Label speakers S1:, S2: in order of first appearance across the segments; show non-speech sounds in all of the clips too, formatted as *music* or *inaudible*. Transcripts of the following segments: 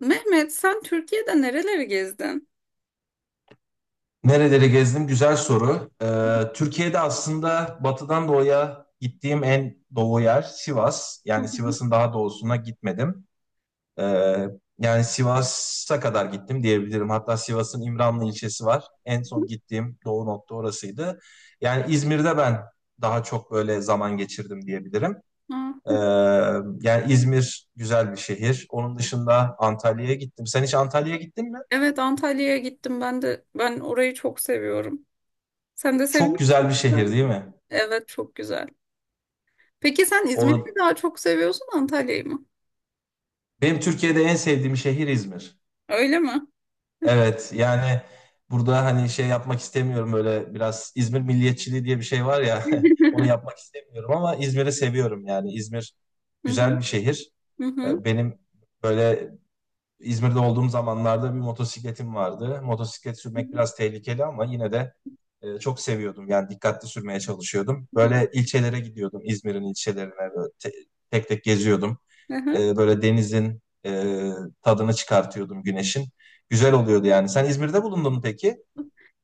S1: Mehmet, sen Türkiye'de nereleri gezdin?
S2: Nereleri gezdim? Güzel soru.
S1: *laughs*
S2: Türkiye'de aslında batıdan doğuya gittiğim en doğu yer Sivas.
S1: Hı
S2: Yani
S1: hı.
S2: Sivas'ın daha doğusuna gitmedim. Ee, yani Sivas'a kadar gittim diyebilirim. Hatta Sivas'ın İmranlı ilçesi var. En son gittiğim doğu nokta orasıydı. Yani İzmir'de ben daha çok böyle zaman geçirdim diyebilirim.
S1: Aa,
S2: Ee,
S1: hı.
S2: yani İzmir güzel bir şehir. Onun dışında Antalya'ya gittim. Sen hiç Antalya'ya gittin mi?
S1: Evet, Antalya'ya gittim ben de. Ben orayı çok seviyorum. Sen de
S2: Çok
S1: seviyor
S2: güzel
S1: musun?
S2: bir şehir değil mi?
S1: Evet, çok güzel. Peki sen İzmir'i mi
S2: O
S1: daha çok seviyorsun, Antalya'yı mı?
S2: Benim Türkiye'de en sevdiğim şehir İzmir.
S1: Öyle mi?
S2: Evet, yani burada hani şey yapmak istemiyorum, böyle biraz İzmir milliyetçiliği diye bir şey var ya *laughs* onu
S1: *laughs*
S2: yapmak istemiyorum ama İzmir'i seviyorum, yani İzmir
S1: Hı hı,
S2: güzel bir şehir.
S1: hı hı,
S2: Benim böyle İzmir'de olduğum zamanlarda bir motosikletim vardı. Motosiklet
S1: hı
S2: sürmek biraz tehlikeli ama yine de çok seviyordum. Yani dikkatli sürmeye çalışıyordum.
S1: hı,
S2: Böyle ilçelere gidiyordum, İzmir'in ilçelerine böyle tek tek geziyordum.
S1: hı hı.
S2: Böyle denizin tadını çıkartıyordum, güneşin. Güzel oluyordu yani. Sen İzmir'de bulundun mu peki?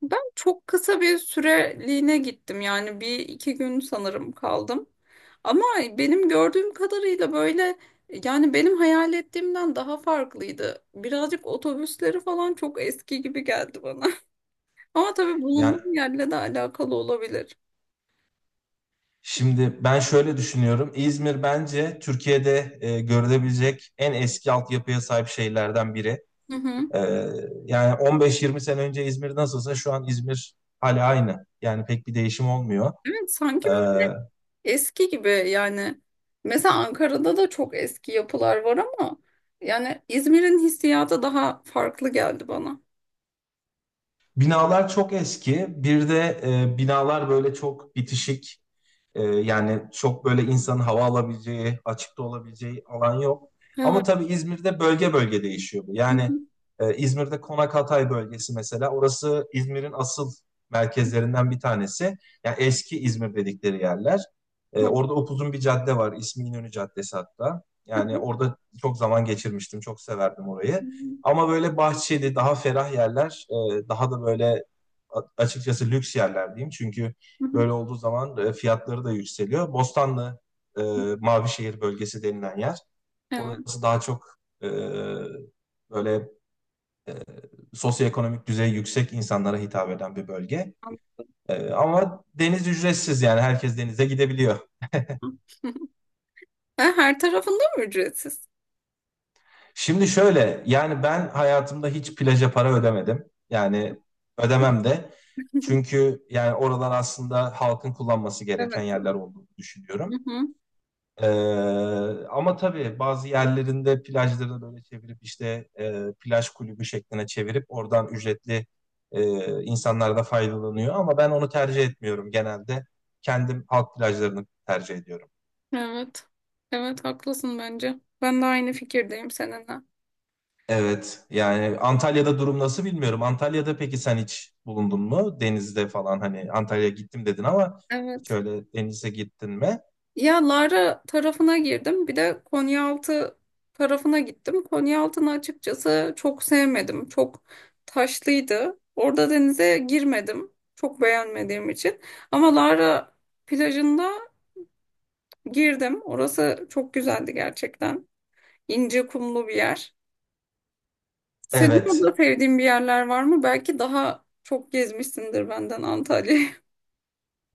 S1: Ben çok kısa bir süreliğine gittim yani bir iki gün sanırım kaldım. Ama benim gördüğüm kadarıyla böyle yani benim hayal ettiğimden daha farklıydı. Birazcık otobüsleri falan çok eski gibi geldi bana. *laughs* Ama tabii
S2: Yani
S1: bulunduğum yerle de alakalı olabilir.
S2: şimdi ben şöyle düşünüyorum. İzmir bence Türkiye'de görülebilecek en eski altyapıya sahip şehirlerden biri.
S1: Hı hı.
S2: E, yani 15-20 sene önce İzmir nasılsa şu an İzmir hala aynı. Yani pek bir değişim olmuyor.
S1: Evet sanki
S2: E,
S1: böyle eski gibi yani. Mesela Ankara'da da çok eski yapılar var ama yani İzmir'in hissiyatı daha farklı geldi bana.
S2: binalar çok eski. Bir de binalar böyle çok bitişik. Yani çok böyle insanın hava alabileceği, açıkta olabileceği alan yok. Ama
S1: Evet.
S2: tabii İzmir'de bölge bölge değişiyor bu.
S1: Hı
S2: Yani
S1: hı.
S2: İzmir'de Konak Hatay bölgesi, mesela orası İzmir'in asıl merkezlerinden bir tanesi. Yani eski İzmir dedikleri yerler. Orada upuzun bir cadde var. İsmi İnönü Caddesi hatta.
S1: Hı.
S2: Yani
S1: *laughs*
S2: orada çok zaman geçirmiştim. Çok severdim
S1: Hı
S2: orayı. Ama böyle bahçeli, daha ferah yerler, daha da böyle açıkçası lüks yerler diyeyim. Çünkü
S1: hı.
S2: böyle olduğu zaman fiyatları da yükseliyor. Bostanlı, e, Mavişehir bölgesi denilen yer.
S1: Evet,
S2: Orası daha çok böyle, e, sosyoekonomik düzeyi yüksek insanlara hitap eden bir bölge.
S1: anladım.
S2: Ama deniz ücretsiz, yani herkes denize gidebiliyor.
S1: *laughs* Ha, her tarafında mı ücretsiz?
S2: Şimdi şöyle, yani ben hayatımda hiç plaja para ödemedim. Yani ödemem de. Çünkü yani oralar aslında halkın kullanması gereken
S1: Evet.
S2: yerler olduğunu
S1: Hı
S2: düşünüyorum.
S1: hı.
S2: Ee, ama tabii bazı yerlerinde plajları böyle çevirip işte plaj kulübü şekline çevirip oradan ücretli insanlar da faydalanıyor. Ama ben onu tercih etmiyorum genelde. Kendim halk plajlarını tercih ediyorum.
S1: Evet. Evet haklısın bence. Ben de aynı fikirdeyim seninle.
S2: Evet, yani Antalya'da durum nasıl bilmiyorum. Antalya'da peki sen hiç bulundun mu? Denizde falan, hani Antalya'ya gittim dedin ama
S1: Evet.
S2: şöyle denize gittin mi?
S1: Ya Lara tarafına girdim. Bir de Konyaaltı tarafına gittim. Konyaaltı'nı açıkçası çok sevmedim. Çok taşlıydı. Orada denize girmedim. Çok beğenmediğim için. Ama Lara plajında girdim. Orası çok güzeldi gerçekten. İnce kumlu bir yer. Senin
S2: Evet,
S1: orada sevdiğin bir yerler var mı? Belki daha çok gezmişsindir benden Antalya'yı.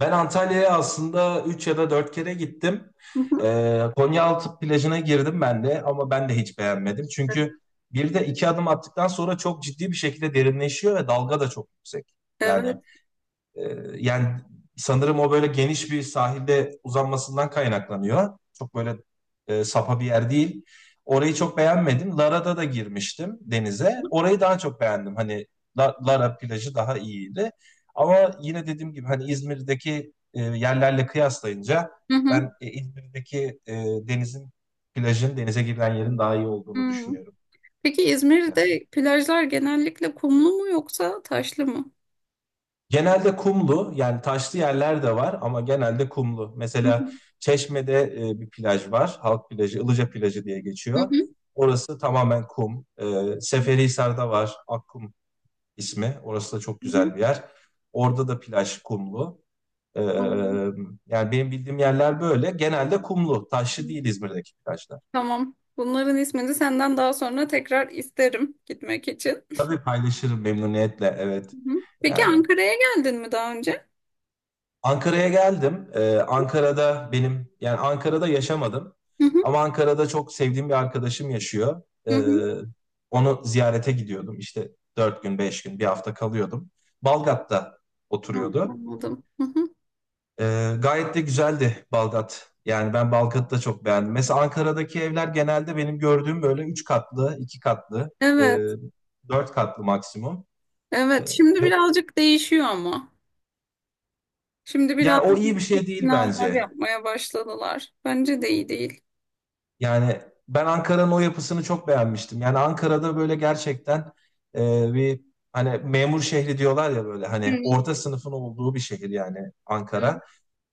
S2: ben Antalya'ya aslında 3 ya da 4 kere gittim.
S1: *laughs* Hı hı.
S2: Konyaaltı plajına girdim ben de ama ben de hiç beğenmedim. Çünkü bir de iki adım attıktan sonra çok ciddi bir şekilde derinleşiyor ve dalga da çok yüksek. Yani
S1: Evet.
S2: ee, yani sanırım o böyle geniş bir sahilde uzanmasından kaynaklanıyor. Çok böyle sapa bir yer değil. Orayı çok beğenmedim. Lara'da da girmiştim denize. Orayı daha çok beğendim. Hani Lara plajı daha iyiydi. Ama yine dediğim gibi, hani İzmir'deki yerlerle kıyaslayınca
S1: Hı hı.
S2: ben İzmir'deki denizin, plajın, denize girilen yerin daha iyi olduğunu
S1: Hı.
S2: düşünüyorum.
S1: Peki İzmir'de plajlar genellikle kumlu mu yoksa taşlı mı?
S2: Genelde kumlu, yani taşlı yerler de var ama genelde kumlu.
S1: Hı hı.
S2: Mesela Çeşme'de bir plaj var. Halk plajı, Ilıca plajı diye
S1: Hı
S2: geçiyor.
S1: hı.
S2: Orası tamamen kum. E, Seferihisar'da var, Akkum ismi. Orası da çok
S1: Hı hı.
S2: güzel bir yer. Orada da plaj kumlu. E, yani benim bildiğim yerler böyle. Genelde kumlu.
S1: Hı.
S2: Taşlı değil İzmir'deki plajlar.
S1: Tamam. Bunların ismini senden daha sonra tekrar isterim gitmek için.
S2: Tabii, paylaşırım memnuniyetle, evet.
S1: Hı hı. Peki
S2: Yani
S1: Ankara'ya geldin mi daha önce?
S2: Ankara'ya geldim. Ankara'da benim, yani Ankara'da yaşamadım.
S1: Hı hı.
S2: Ama Ankara'da çok sevdiğim bir arkadaşım yaşıyor.
S1: Hı hı.
S2: Onu ziyarete gidiyordum. İşte dört gün, beş gün, bir hafta kalıyordum. Balgat'ta
S1: Hı,
S2: oturuyordu.
S1: anladım. Hı hı.
S2: Gayet de güzeldi Balgat. Yani ben Balgat'ı da çok beğendim. Mesela Ankara'daki evler genelde benim gördüğüm böyle üç katlı, iki katlı, e,
S1: Evet.
S2: dört katlı maksimum. Ee,
S1: Evet. Şimdi
S2: ve
S1: birazcık değişiyor ama. Şimdi biraz
S2: yani o iyi bir
S1: yüksek
S2: şey değil
S1: binalar
S2: bence.
S1: yapmaya başladılar. Bence de iyi değil.
S2: Yani ben Ankara'nın o yapısını çok beğenmiştim. Yani Ankara'da böyle gerçekten bir, hani memur şehri diyorlar ya, böyle hani
S1: Evet.
S2: orta sınıfın olduğu bir şehir, yani
S1: Evet.
S2: Ankara.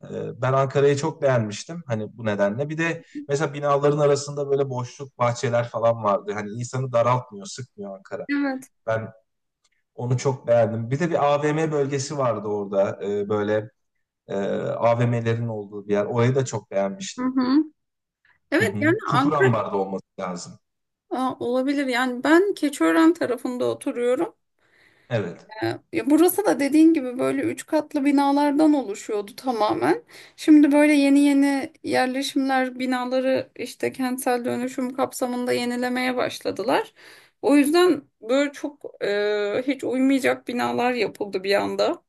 S2: E, ben Ankara'yı çok beğenmiştim hani bu nedenle. Bir de mesela binaların arasında böyle boşluk bahçeler falan vardı. Hani insanı daraltmıyor, sıkmıyor Ankara.
S1: Evet.
S2: Ben onu çok beğendim. Bir de bir AVM bölgesi vardı orada, böyle e, AVM'lerin olduğu bir yer. Orayı da çok
S1: Hı
S2: beğenmiştim.
S1: hı.
S2: Hı
S1: Evet yani
S2: hı.
S1: Ankara.
S2: Çukurambar'da olması lazım.
S1: Aa, olabilir. Yani ben Keçiören tarafında oturuyorum.
S2: Evet.
S1: Ee, Ya burası da dediğin gibi böyle üç katlı binalardan oluşuyordu tamamen. Şimdi böyle yeni yeni yerleşimler binaları işte kentsel dönüşüm kapsamında yenilemeye başladılar. O yüzden böyle çok hiç uymayacak binalar yapıldı bir anda.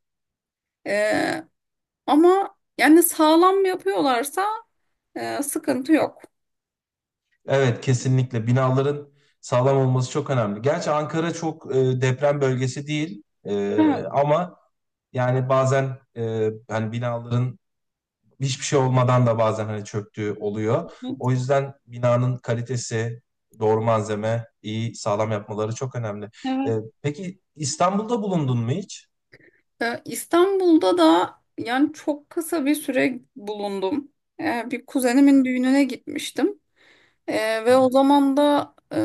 S1: E, Ama yani sağlam yapıyorlarsa sıkıntı yok.
S2: Evet, kesinlikle binaların sağlam olması çok önemli. Gerçi Ankara çok deprem bölgesi değil. E,
S1: Evet,
S2: ama yani bazen, hani binaların hiçbir şey olmadan da bazen hani çöktüğü oluyor.
S1: evet,
S2: O yüzden binanın kalitesi, doğru malzeme, iyi sağlam yapmaları çok önemli.
S1: evet.
S2: E, peki İstanbul'da bulundun mu hiç?
S1: İstanbul'da da yani çok kısa bir süre bulundum. Bir kuzenimin düğününe gitmiştim. Ve
S2: Evet.
S1: o zaman da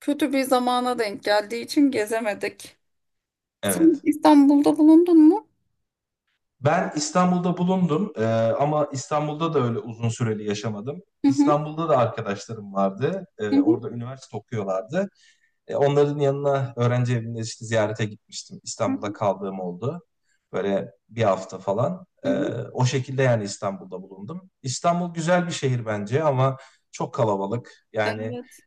S1: kötü bir zamana denk geldiği için gezemedik. Sen
S2: Evet.
S1: İstanbul'da bulundun mu?
S2: Ben İstanbul'da bulundum, ama İstanbul'da da öyle uzun süreli yaşamadım.
S1: Hı hı,
S2: İstanbul'da da arkadaşlarım vardı.
S1: hı
S2: E,
S1: hı,
S2: orada üniversite okuyorlardı. E, onların yanına öğrenci evinde işte ziyarete gitmiştim.
S1: hı hı.
S2: İstanbul'da kaldığım oldu. Böyle bir hafta falan.
S1: Hı hı.
S2: O şekilde yani İstanbul'da bulundum. İstanbul güzel bir şehir bence ama çok kalabalık. Yani
S1: Evet.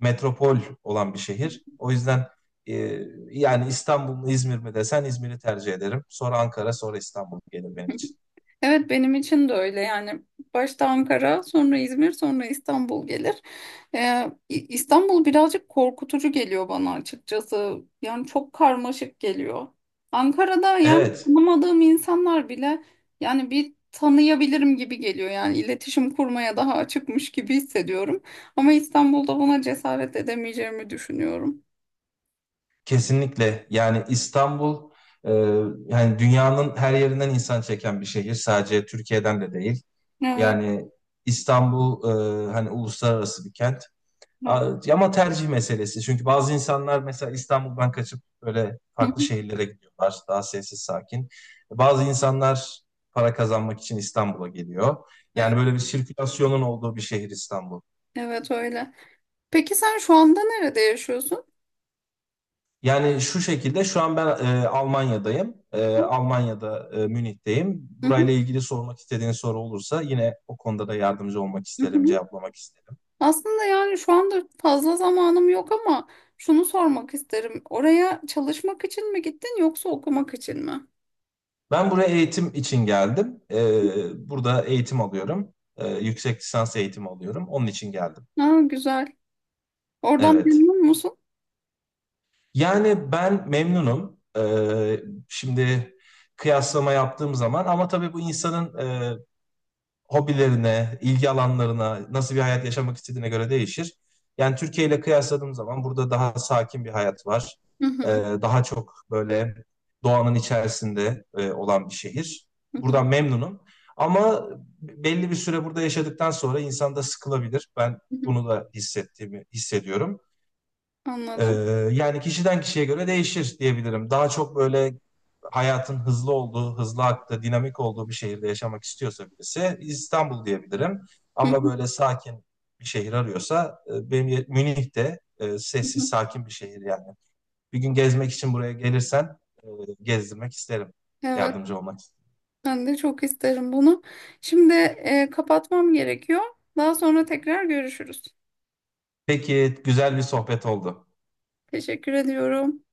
S2: metropol olan bir şehir. O yüzden ee, yani İstanbul mu İzmir mi desen İzmir'i tercih ederim. Sonra Ankara, sonra İstanbul gelir benim için.
S1: Evet benim için de öyle yani başta Ankara sonra İzmir sonra İstanbul gelir. İstanbul birazcık korkutucu geliyor bana açıkçası yani çok karmaşık geliyor. Ankara'da yani
S2: Evet,
S1: tanımadığım insanlar bile yani bir tanıyabilirim gibi geliyor yani iletişim kurmaya daha açıkmış gibi hissediyorum. Ama İstanbul'da buna cesaret edemeyeceğimi düşünüyorum.
S2: kesinlikle. Yani İstanbul, e, yani dünyanın her yerinden insan çeken bir şehir. Sadece Türkiye'den de değil.
S1: Evet,
S2: Yani İstanbul, hani uluslararası bir kent.
S1: evet,
S2: Ama tercih meselesi. Çünkü bazı insanlar mesela İstanbul'dan kaçıp böyle
S1: hı
S2: farklı
S1: hı,
S2: şehirlere gidiyorlar. Daha sessiz, sakin. Bazı insanlar para kazanmak için İstanbul'a geliyor. Yani
S1: evet,
S2: böyle bir sirkülasyonun olduğu bir şehir İstanbul.
S1: evet öyle. Peki sen şu anda nerede yaşıyorsun?
S2: Yani şu şekilde, şu an ben Almanya'dayım. E,
S1: Hı
S2: Almanya'da, Münih'teyim.
S1: hı,
S2: Burayla ilgili sormak istediğin soru olursa yine o konuda da yardımcı olmak
S1: hı
S2: isterim,
S1: hı.
S2: cevaplamak isterim.
S1: Aslında yani şu anda fazla zamanım yok ama şunu sormak isterim. Oraya çalışmak için mi gittin yoksa okumak için mi?
S2: Ben buraya eğitim için geldim. E, burada eğitim alıyorum. E, yüksek lisans eğitimi alıyorum. Onun için geldim.
S1: Ha, güzel. Oradan
S2: Evet.
S1: memnun musun?
S2: Yani ben memnunum. E, şimdi kıyaslama yaptığım zaman, ama tabii bu insanın hobilerine, ilgi alanlarına, nasıl bir hayat yaşamak istediğine göre değişir. Yani Türkiye ile kıyasladığım zaman burada daha sakin bir hayat var.
S1: Hı
S2: Ee,
S1: hı,
S2: daha çok böyle doğanın içerisinde olan bir şehir.
S1: hı hı,
S2: Buradan memnunum. Ama belli bir süre burada yaşadıktan sonra insan da sıkılabilir. Ben
S1: hı hı.
S2: bunu da hissettiğimi hissediyorum. Ee,
S1: Anladım.
S2: yani kişiden kişiye göre değişir diyebilirim. Daha çok böyle hayatın hızlı olduğu, hızlı aktığı, dinamik olduğu bir şehirde yaşamak istiyorsa birisi, İstanbul diyebilirim.
S1: Hı
S2: Ama
S1: hı,
S2: böyle sakin bir şehir arıyorsa benim Münih de
S1: hı
S2: sessiz,
S1: hı.
S2: sakin bir şehir yani. Bir gün gezmek için buraya gelirsen e, gezdirmek isterim.
S1: Evet,
S2: Yardımcı olmak isterim.
S1: ben de çok isterim bunu. Şimdi kapatmam gerekiyor. Daha sonra tekrar görüşürüz.
S2: Peki, güzel bir sohbet oldu.
S1: Teşekkür ediyorum.